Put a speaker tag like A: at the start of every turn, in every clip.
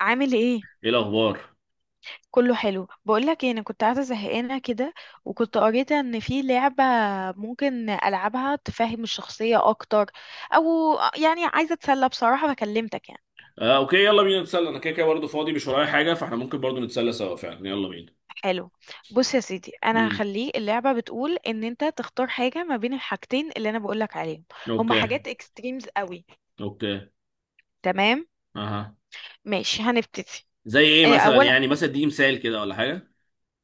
A: عامل ايه؟
B: ايه الاخبار؟
A: كله حلو. بقولك ايه، انا كنت قاعده زهقانه كده وكنت قريت ان في لعبه ممكن العبها تفهم الشخصيه اكتر، او يعني عايزه اتسلى بصراحه فكلمتك يعني.
B: آه اوكي، يلا بينا نتسلى. انا كده كده برضه فاضي، مش ورايا حاجه، فاحنا ممكن برضه نتسلى سوا فعلا. يلا بينا.
A: حلو. بص يا سيدي، انا
B: امم.
A: هخليه اللعبه بتقول ان انت تختار حاجه ما بين الحاجتين اللي انا بقولك عليهم. هما
B: اوكي.
A: حاجات اكستريمز قوي.
B: اوكي.
A: تمام،
B: اها.
A: ماشي، هنبتدي.
B: زي ايه مثلا؟
A: اولا
B: يعني مثلا اديني مثال كده ولا حاجه.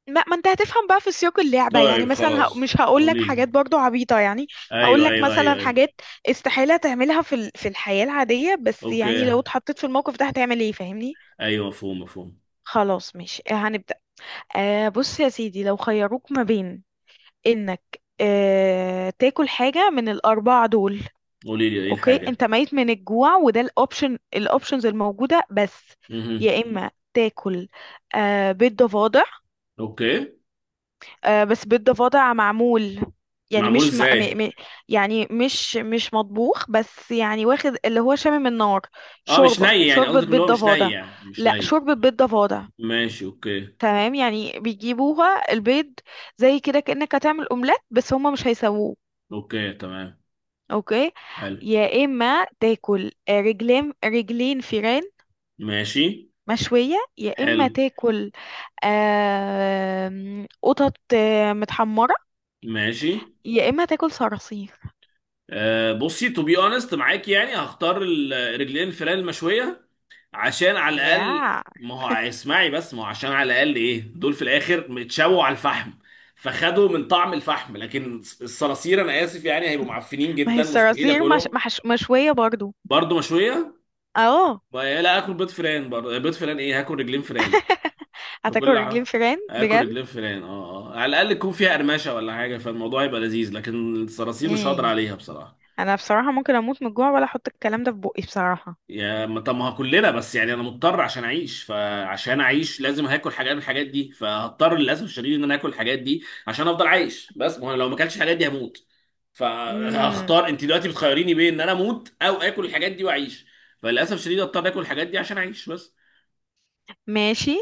A: ما انت هتفهم بقى في سياق اللعبة.
B: طيب
A: يعني مثلا
B: خلاص
A: مش هقول لك
B: قولي
A: حاجات
B: لي.
A: برضو عبيطة يعني. هقول
B: ايوه
A: لك
B: ايوه ايوه
A: مثلا
B: ايوه.
A: حاجات استحالة تعملها في في الحياة العادية، بس يعني
B: اوكي.
A: لو اتحطيت في الموقف ده هتعمل ايه؟ فاهمني.
B: ايوه، مفهوم مفهوم.
A: خلاص ماشي، هنبدأ. آه بص يا سيدي، لو خيروك ما بين انك تاكل حاجة من الأربعة دول.
B: قولي لي ايه
A: اوكي، انت
B: الحاجات.
A: ميت من الجوع وده الاوبشن الاوبشنز الموجودة بس.
B: امم.
A: يا اما تاكل بيض ضفادع.
B: اوكي.
A: بس بيض ضفادع معمول، يعني
B: معمول
A: مش
B: ازاي؟
A: م... يعني مش مطبوخ، بس يعني واخد اللي هو شامم النار.
B: اه، مش
A: شوربة
B: ني يعني؟
A: شوربة
B: قصدك اللي
A: بيض
B: هو مش ني
A: ضفادع.
B: يعني مش
A: لا،
B: ني؟
A: شوربة بيض ضفادع.
B: ماشي اوكي.
A: تمام، يعني بيجيبوها البيض زي كده كأنك هتعمل اومليت بس هما مش هيسووه.
B: اوكي تمام.
A: اوكي.
B: حلو.
A: يا اما تاكل رجلين فيران
B: ماشي.
A: مشوية. يا
B: حلو.
A: اما تاكل قطط متحمرة.
B: ماشي.
A: يا اما تاكل صراصير.
B: بصي، تو بي اونست معاك، يعني هختار الرجلين الفلان المشويه. عشان على الاقل،
A: ياه،
B: ما هو اسمعي بس، ما هو عشان على الاقل ايه، دول في الاخر متشووا على الفحم، فخدوا من طعم الفحم. لكن الصراصير انا اسف يعني، هيبقوا معفنين
A: ما هي
B: جدا، مستحيل
A: الصراصير مش...
B: اكلهم.
A: محش... مشوية برضو.
B: برضه مشويه.
A: اه.
B: لا اكل بيض فيران؟ برضه بيض فيران؟ ايه، هاكل رجلين فيران.
A: هتاكل
B: بكل
A: رجلين
B: حاجه.
A: فيران
B: اكل
A: بجد؟
B: رجلين فيران، اه اه، على الاقل يكون فيها قرمشه ولا حاجه فالموضوع يبقى لذيذ، لكن الصراصير مش هقدر
A: امم،
B: عليها بصراحه.
A: انا بصراحة ممكن اموت من الجوع ولا احط الكلام ده في بقي بصراحة.
B: يا ما- طب ما هو كلنا، بس يعني انا مضطر عشان اعيش، فعشان اعيش لازم هاكل حاجات من الحاجات دي، فهضطر للاسف الشديد ان انا اكل الحاجات دي عشان افضل عايش. بس ما هو أنا لو ما اكلتش الحاجات دي هموت.
A: امم،
B: فهختار، انت دلوقتي بتخيريني بين ان انا اموت او اكل الحاجات دي واعيش، فللاسف الشديد اضطر اكل الحاجات دي عشان اعيش بس.
A: ماشي.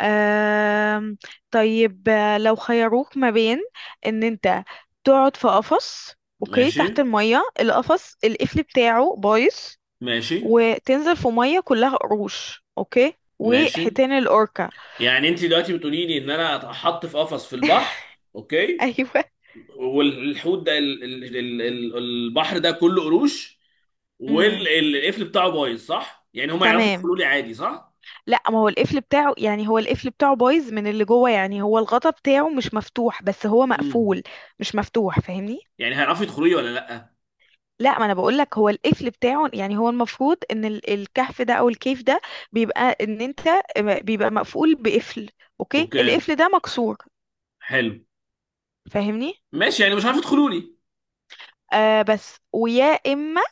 A: أم... طيب لو خيروك ما بين ان انت تقعد في قفص، اوكي،
B: ماشي.
A: تحت المية، القفص القفل بتاعه بايظ،
B: ماشي.
A: وتنزل في مية كلها قروش، اوكي،
B: ماشي.
A: وحيتان الاوركا.
B: يعني انت دلوقتي بتقولي لي ان انا اتحط في قفص في البحر. اوكي.
A: ايوه.
B: والحوت ده البحر ده كله قروش،
A: امم،
B: والقفل بتاعه بايظ، صح؟ يعني هم يعرفوا
A: تمام.
B: يدخلوا لي عادي، صح؟
A: لا ما هو القفل بتاعه، يعني هو القفل بتاعه بايظ من اللي جوه، يعني هو الغطا بتاعه مش مفتوح بس هو
B: امم.
A: مقفول، مش مفتوح، فاهمني؟
B: يعني هيعرفوا يدخلوا لي ولا لا؟
A: لا ما انا بقول لك هو القفل بتاعه، يعني هو المفروض ان الكهف ده او الكيف ده بيبقى ان انت بيبقى مقفول بقفل. اوكي،
B: اوكي.
A: القفل ده مكسور،
B: حلو.
A: فاهمني.
B: ماشي، يعني مش عارف يدخلوا لي.
A: آه بس ويا اما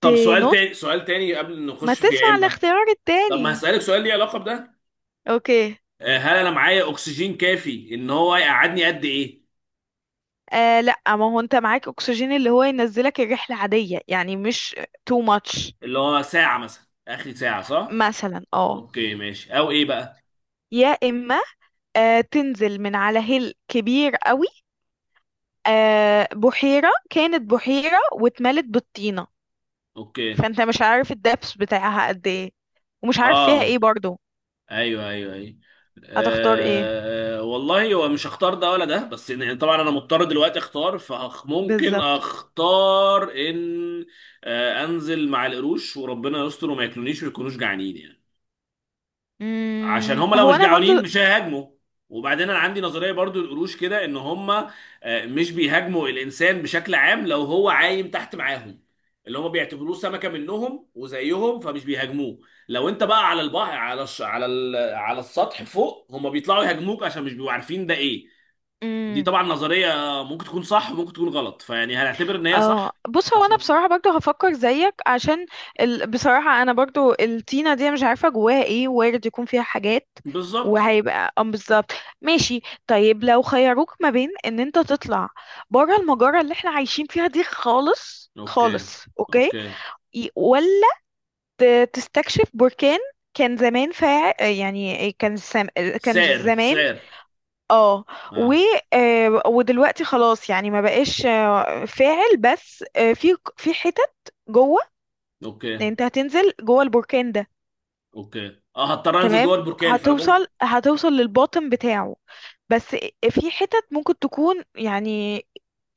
B: طب سؤال
A: تنط.
B: تاني، سؤال تاني قبل ما
A: ما
B: نخش في يا
A: تسمع
B: اما.
A: الاختيار
B: طب ما
A: التاني.
B: هسألك سؤال ليه علاقة بده.
A: اوكي.
B: هل انا معايا اكسجين كافي؟ ان هو يقعدني قد ايه؟
A: آه لا، ما هو انت معاك اكسجين اللي هو ينزلك الرحله عاديه، يعني مش too much.
B: اللي هو ساعة مثلا، اخر ساعة، صح؟
A: مثلا اه.
B: اوكي ماشي. او ايه بقى؟
A: يا اما تنزل من على هيل كبير قوي. بحيره، كانت بحيره واتملت بالطينه،
B: اوكي.
A: فانت مش عارف الدبس بتاعها قد ايه، ومش عارف فيها
B: اه.
A: ايه برضو.
B: ايوه ايوه ايوه.
A: هتختار ايه
B: أه والله هو مش هختار ده ولا ده، بس يعني طبعا انا مضطر دلوقتي اختار، فممكن
A: بالظبط؟
B: اختار ان، أه، انزل مع القروش وربنا يستر وما ياكلونيش ويكونوش جعانين يعني. عشان هم لو
A: هو
B: مش
A: انا برضو.
B: جعانين مش هيهاجموا. وبعدين انا عندي نظريه برضو، القروش كده ان هم مش بيهاجموا الانسان بشكل عام لو هو عايم تحت معاهم، اللي هم بيعتبروه سمكه منهم وزيهم فمش بيهاجموه. لو انت بقى على البحر، على الش... على ال... على السطح فوق، هم بيطلعوا يهاجموك عشان مش بيبقوا عارفين ده ايه. دي
A: مم،
B: طبعا نظريه، ممكن تكون صح وممكن تكون غلط، فيعني هنعتبر ان هي
A: اه
B: صح.
A: بص، هو انا
B: عشان.
A: بصراحه برضو هفكر زيك، عشان بصراحه انا برضو الطينه دي أنا مش عارفه جواها ايه، وارد يكون فيها حاجات،
B: بالظبط.
A: وهيبقى اه بالظبط. ماشي. طيب، لو خيروك ما بين ان انت تطلع بره المجره اللي احنا عايشين فيها دي، خالص
B: اوكي.
A: خالص، اوكي،
B: اوكي.
A: ولا تستكشف بركان كان زمان، فا يعني كان كان
B: سعر
A: زمان،
B: سعر.
A: اه، و
B: اه.
A: ودلوقتي خلاص يعني ما بقاش فاعل، بس في حتت جوه، يعني
B: اوكي.
A: انت هتنزل جوه البركان ده.
B: اوكي، اه، هضطر انزل جوه
A: تمام،
B: البركان فانا ممكن.
A: هتوصل هتوصل للباطن بتاعه، بس في حتت ممكن تكون يعني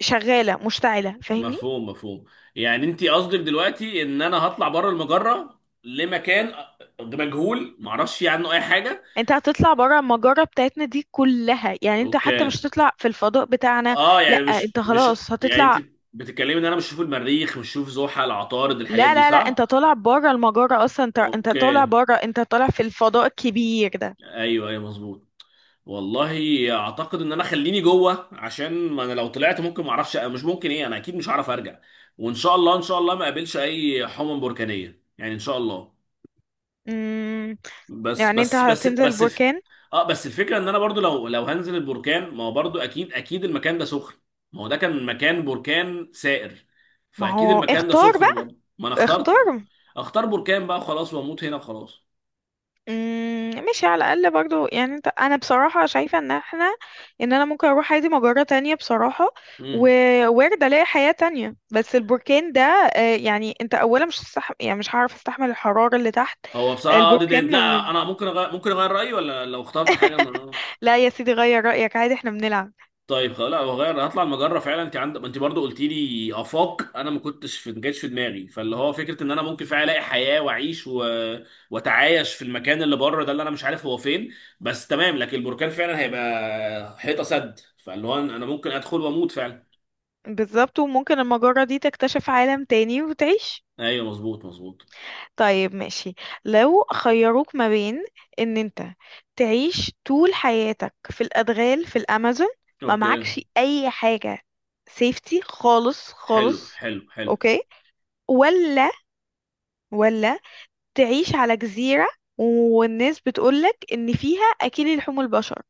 A: شغالة مشتعلة، فاهمني.
B: مفهوم مفهوم. يعني انت قصدك دلوقتي ان انا هطلع بره المجره لمكان مجهول، معرفش فيه عنه اي حاجه.
A: انت هتطلع بره المجرة بتاعتنا دي كلها، يعني انت
B: اوكي.
A: حتى مش هتطلع في الفضاء بتاعنا.
B: اه،
A: لا
B: يعني مش
A: انت
B: مش،
A: خلاص
B: يعني
A: هتطلع.
B: انت بتتكلمي ان انا مش هشوف المريخ، مش هشوف زحل، عطارد، الحاجات
A: لا
B: دي،
A: لا لا، انت
B: صح؟
A: طالع بره المجرة اصلا، انت انت طالع
B: اوكي.
A: بره، انت طالع في الفضاء الكبير ده.
B: ايوه ايوه مظبوط. والله اعتقد ان انا خليني جوه، عشان ما انا لو طلعت ممكن ما اعرفش، مش ممكن ايه، انا اكيد مش هعرف ارجع. وان شاء الله، ان شاء الله ما اقابلش اي حمم بركانيه يعني، ان شاء الله.
A: مم،
B: بس
A: يعني انت
B: بس بس
A: هتنزل
B: بس
A: بركان.
B: اه بس الفكره ان انا برضو، لو هنزل البركان، ما هو برضو اكيد اكيد المكان ده سخن. ما هو ده كان مكان بركان سائر،
A: ما
B: فاكيد
A: هو
B: المكان ده
A: اختار
B: سخن
A: بقى،
B: برضو، ما انا اخترت.
A: اختار.
B: اختار بركان بقى خلاص، واموت هنا خلاص.
A: ماشي، على الاقل برضو يعني انت، انا بصراحة شايفة ان احنا، ان انا ممكن اروح عادي مجرة تانية بصراحة،
B: امم.
A: ووارد الاقي حياة تانية، بس البركان ده يعني انت اولا مش هتستح... يعني مش هعرف استحمل الحرارة اللي تحت
B: هو بصراحه اه ديد اند،
A: البركان
B: لا انا ممكن ممكن اغير رايي ولا لو اخترت حاجه من.
A: لا يا سيدي غير رأيك عادي، احنا بنلعب.
B: طيب خلاص لا، هغير، هطلع المجره فعلا. انت عندك، ما انت برضو قلت لي افاق انا ما كنتش في، ما جاتش في دماغي، فاللي هو فكره ان انا ممكن فعلا الاقي حياه واعيش واتعايش في المكان اللي بره ده اللي انا مش عارف هو فين. بس تمام. لكن البركان فعلا هيبقى حيطه سد، فاللي هو انا ممكن ادخل واموت فعلا.
A: بالظبط، وممكن المجرة دي تكتشف عالم تاني وتعيش.
B: ايوه مظبوط مظبوط.
A: طيب ماشي. لو خيروك ما بين ان انت تعيش طول حياتك في الادغال في الامازون، ما
B: اوكي.
A: معكش اي حاجة سيفتي خالص
B: حلو
A: خالص،
B: حلو حلو.
A: اوكي، ولا ولا تعيش على جزيرة والناس بتقولك ان فيها اكل لحوم البشر.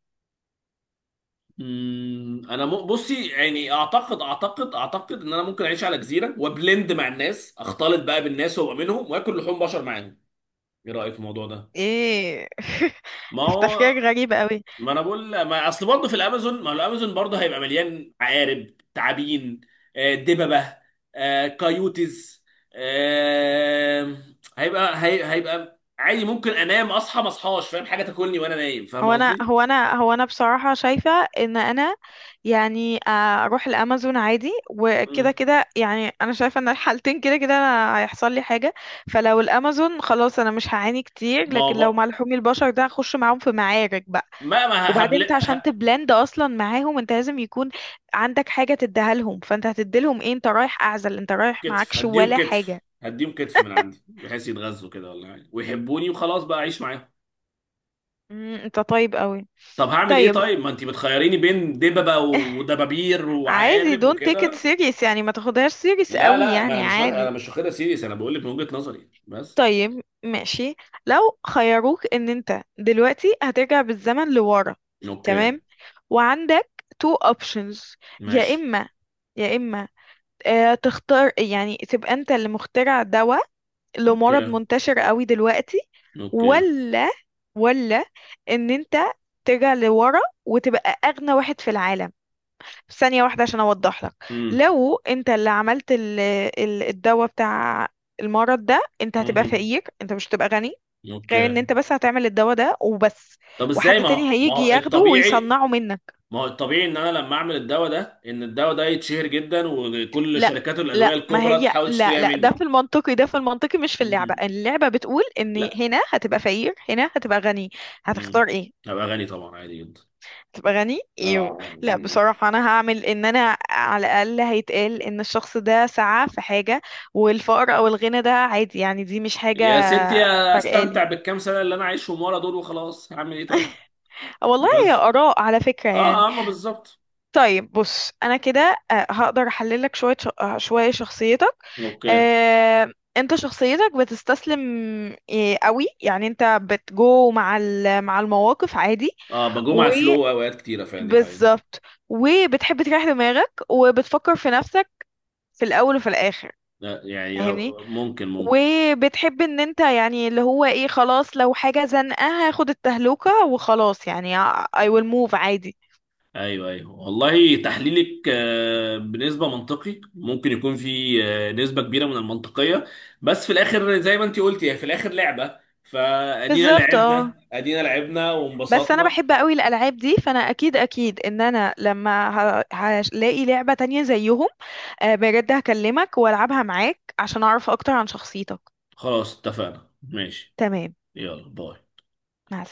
B: امم. انا بصي يعني، اعتقد اعتقد اعتقد ان انا ممكن اعيش على جزيره وبلند مع الناس، اختلط بقى بالناس وابقى منهم واكل لحوم بشر معاهم. ايه رايك في الموضوع ده؟
A: ايه؟
B: ما هو.
A: تفكيرك غريب قوي.
B: ما انا بقول، ما اصل برضه في الامازون، ما هو الامازون برضه هيبقى مليان عقارب، تعابين، دببه، كايوتز، آه، هيبقى هيبقى عادي ممكن انام، اصحى ما اصحاش، فاهم، حاجه تاكلني وانا نايم، فاهم
A: هو انا
B: قصدي؟
A: هو انا هو انا بصراحة شايفة ان انا يعني اروح الامازون عادي، وكده
B: مم.
A: كده يعني انا شايفة ان الحالتين كده كده أنا هيحصل لي حاجة، فلو الامازون خلاص انا مش هعاني كتير،
B: ما هو
A: لكن لو مع
B: بق...
A: لحوم البشر ده هخش معاهم في معارك بقى.
B: ما ما ه-
A: وبعدين
B: هبل
A: انت عشان
B: ه...
A: تبلند اصلا معاهم انت لازم يكون عندك حاجة تديها لهم، فانت هتديلهم ايه؟ انت رايح اعزل، انت رايح
B: كتف
A: معكش
B: هديهم،
A: ولا
B: كتف
A: حاجة.
B: هديهم، كتف من عندي بحيث يتغذوا كده ولا حاجه ويحبوني وخلاص بقى اعيش معاهم.
A: انت طيب قوي.
B: طب هعمل ايه
A: طيب.
B: طيب، ما انت بتخيريني بين دببه ودبابير
A: عادي،
B: وعقارب
A: don't take it
B: وكده.
A: serious يعني، ما تاخدهاش serious
B: لا
A: قوي
B: لا، ما انا
A: يعني،
B: مش واخد، انا
A: عادي.
B: مش واخدها سيريس، انا بقول لك من وجهة نظري بس.
A: طيب ماشي. لو خيروك ان انت دلوقتي هترجع بالزمن لورا،
B: اوكي.
A: تمام، وعندك تو اوبشنز، يا
B: ماشي.
A: اما، يا اما تختار يعني تبقى انت اللي مخترع دواء لمرض
B: اوكي.
A: منتشر قوي دلوقتي،
B: اوكي.
A: ولا ولا ان انت ترجع لورا وتبقى اغنى واحد في العالم. في ثانية واحدة عشان أوضح لك،
B: امم.
A: لو أنت اللي عملت الدواء بتاع المرض ده، أنت هتبقى
B: أمم.
A: فقير، أنت مش هتبقى غني، غير ان
B: اوكي.
A: انت بس هتعمل الدواء ده وبس،
B: طب ازاي،
A: وحد
B: ما هو
A: تاني
B: ما
A: هيجي
B: هو
A: ياخده
B: الطبيعي.
A: ويصنعه منك.
B: ما هو الطبيعي ان انا لما اعمل الدواء ده، ان الدواء ده يتشهر جدا وكل
A: لا
B: شركات
A: لا
B: الادويه
A: ما
B: الكبرى
A: هي
B: تحاول
A: لا
B: تشتريها
A: لا، ده في
B: مني.
A: المنطقي، ده في المنطقي، مش في اللعبة،
B: امم.
A: اللعبة بتقول ان
B: لا.
A: هنا هتبقى فقير هنا هتبقى غني.
B: امم.
A: هتختار ايه؟
B: هبقى غني طبعا عادي جدا.
A: تبقى غني
B: اه.
A: ايوه. لا
B: أمم.
A: بصراحة انا هعمل ان انا، على الاقل هيتقال ان الشخص ده سعى في حاجة، والفقر او الغنى ده عادي يعني، دي مش
B: يا
A: حاجة
B: ستي استمتع
A: فرقالي.
B: بالكام سنه اللي انا عايشهم ورا دول وخلاص، هعمل ايه طيب؟
A: آه والله هي
B: بس.
A: اراء على فكرة يعني.
B: اه اه، ما بالظبط.
A: طيب بص، انا كده هقدر احلل لك شوية شوية شخصيتك.
B: اوكي.
A: انت شخصيتك بتستسلم قوي، يعني انت بتجو مع مع المواقف عادي.
B: اه، بجوم على الفلو اوقات كتيره فعلا، دي حقيقه.
A: وبالظبط وبتحب تريح دماغك وبتفكر في نفسك في الاول وفي الاخر،
B: لا يعني
A: فاهمني.
B: ممكن ممكن.
A: وبتحب ان انت يعني اللي هو ايه، خلاص لو حاجة زنقة هاخد التهلوكة وخلاص يعني، I will move عادي.
B: ايوه ايوه، والله تحليلك بنسبه منطقي، ممكن يكون في نسبه كبيره من المنطقيه، بس في الاخر زي ما انت قلتي، هي في الاخر لعبه، فادينا
A: بالظبط اه.
B: لعبنا، ادينا لعبنا
A: بس انا
B: وانبسطنا.
A: بحب قوي الالعاب دي، فانا اكيد اكيد ان انا لما هلاقي لعبة تانية زيهم بجد هكلمك والعبها معاك عشان اعرف اكتر عن شخصيتك.
B: خلاص اتفقنا، ماشي.
A: تمام،
B: يلا باي.
A: مع السلامة.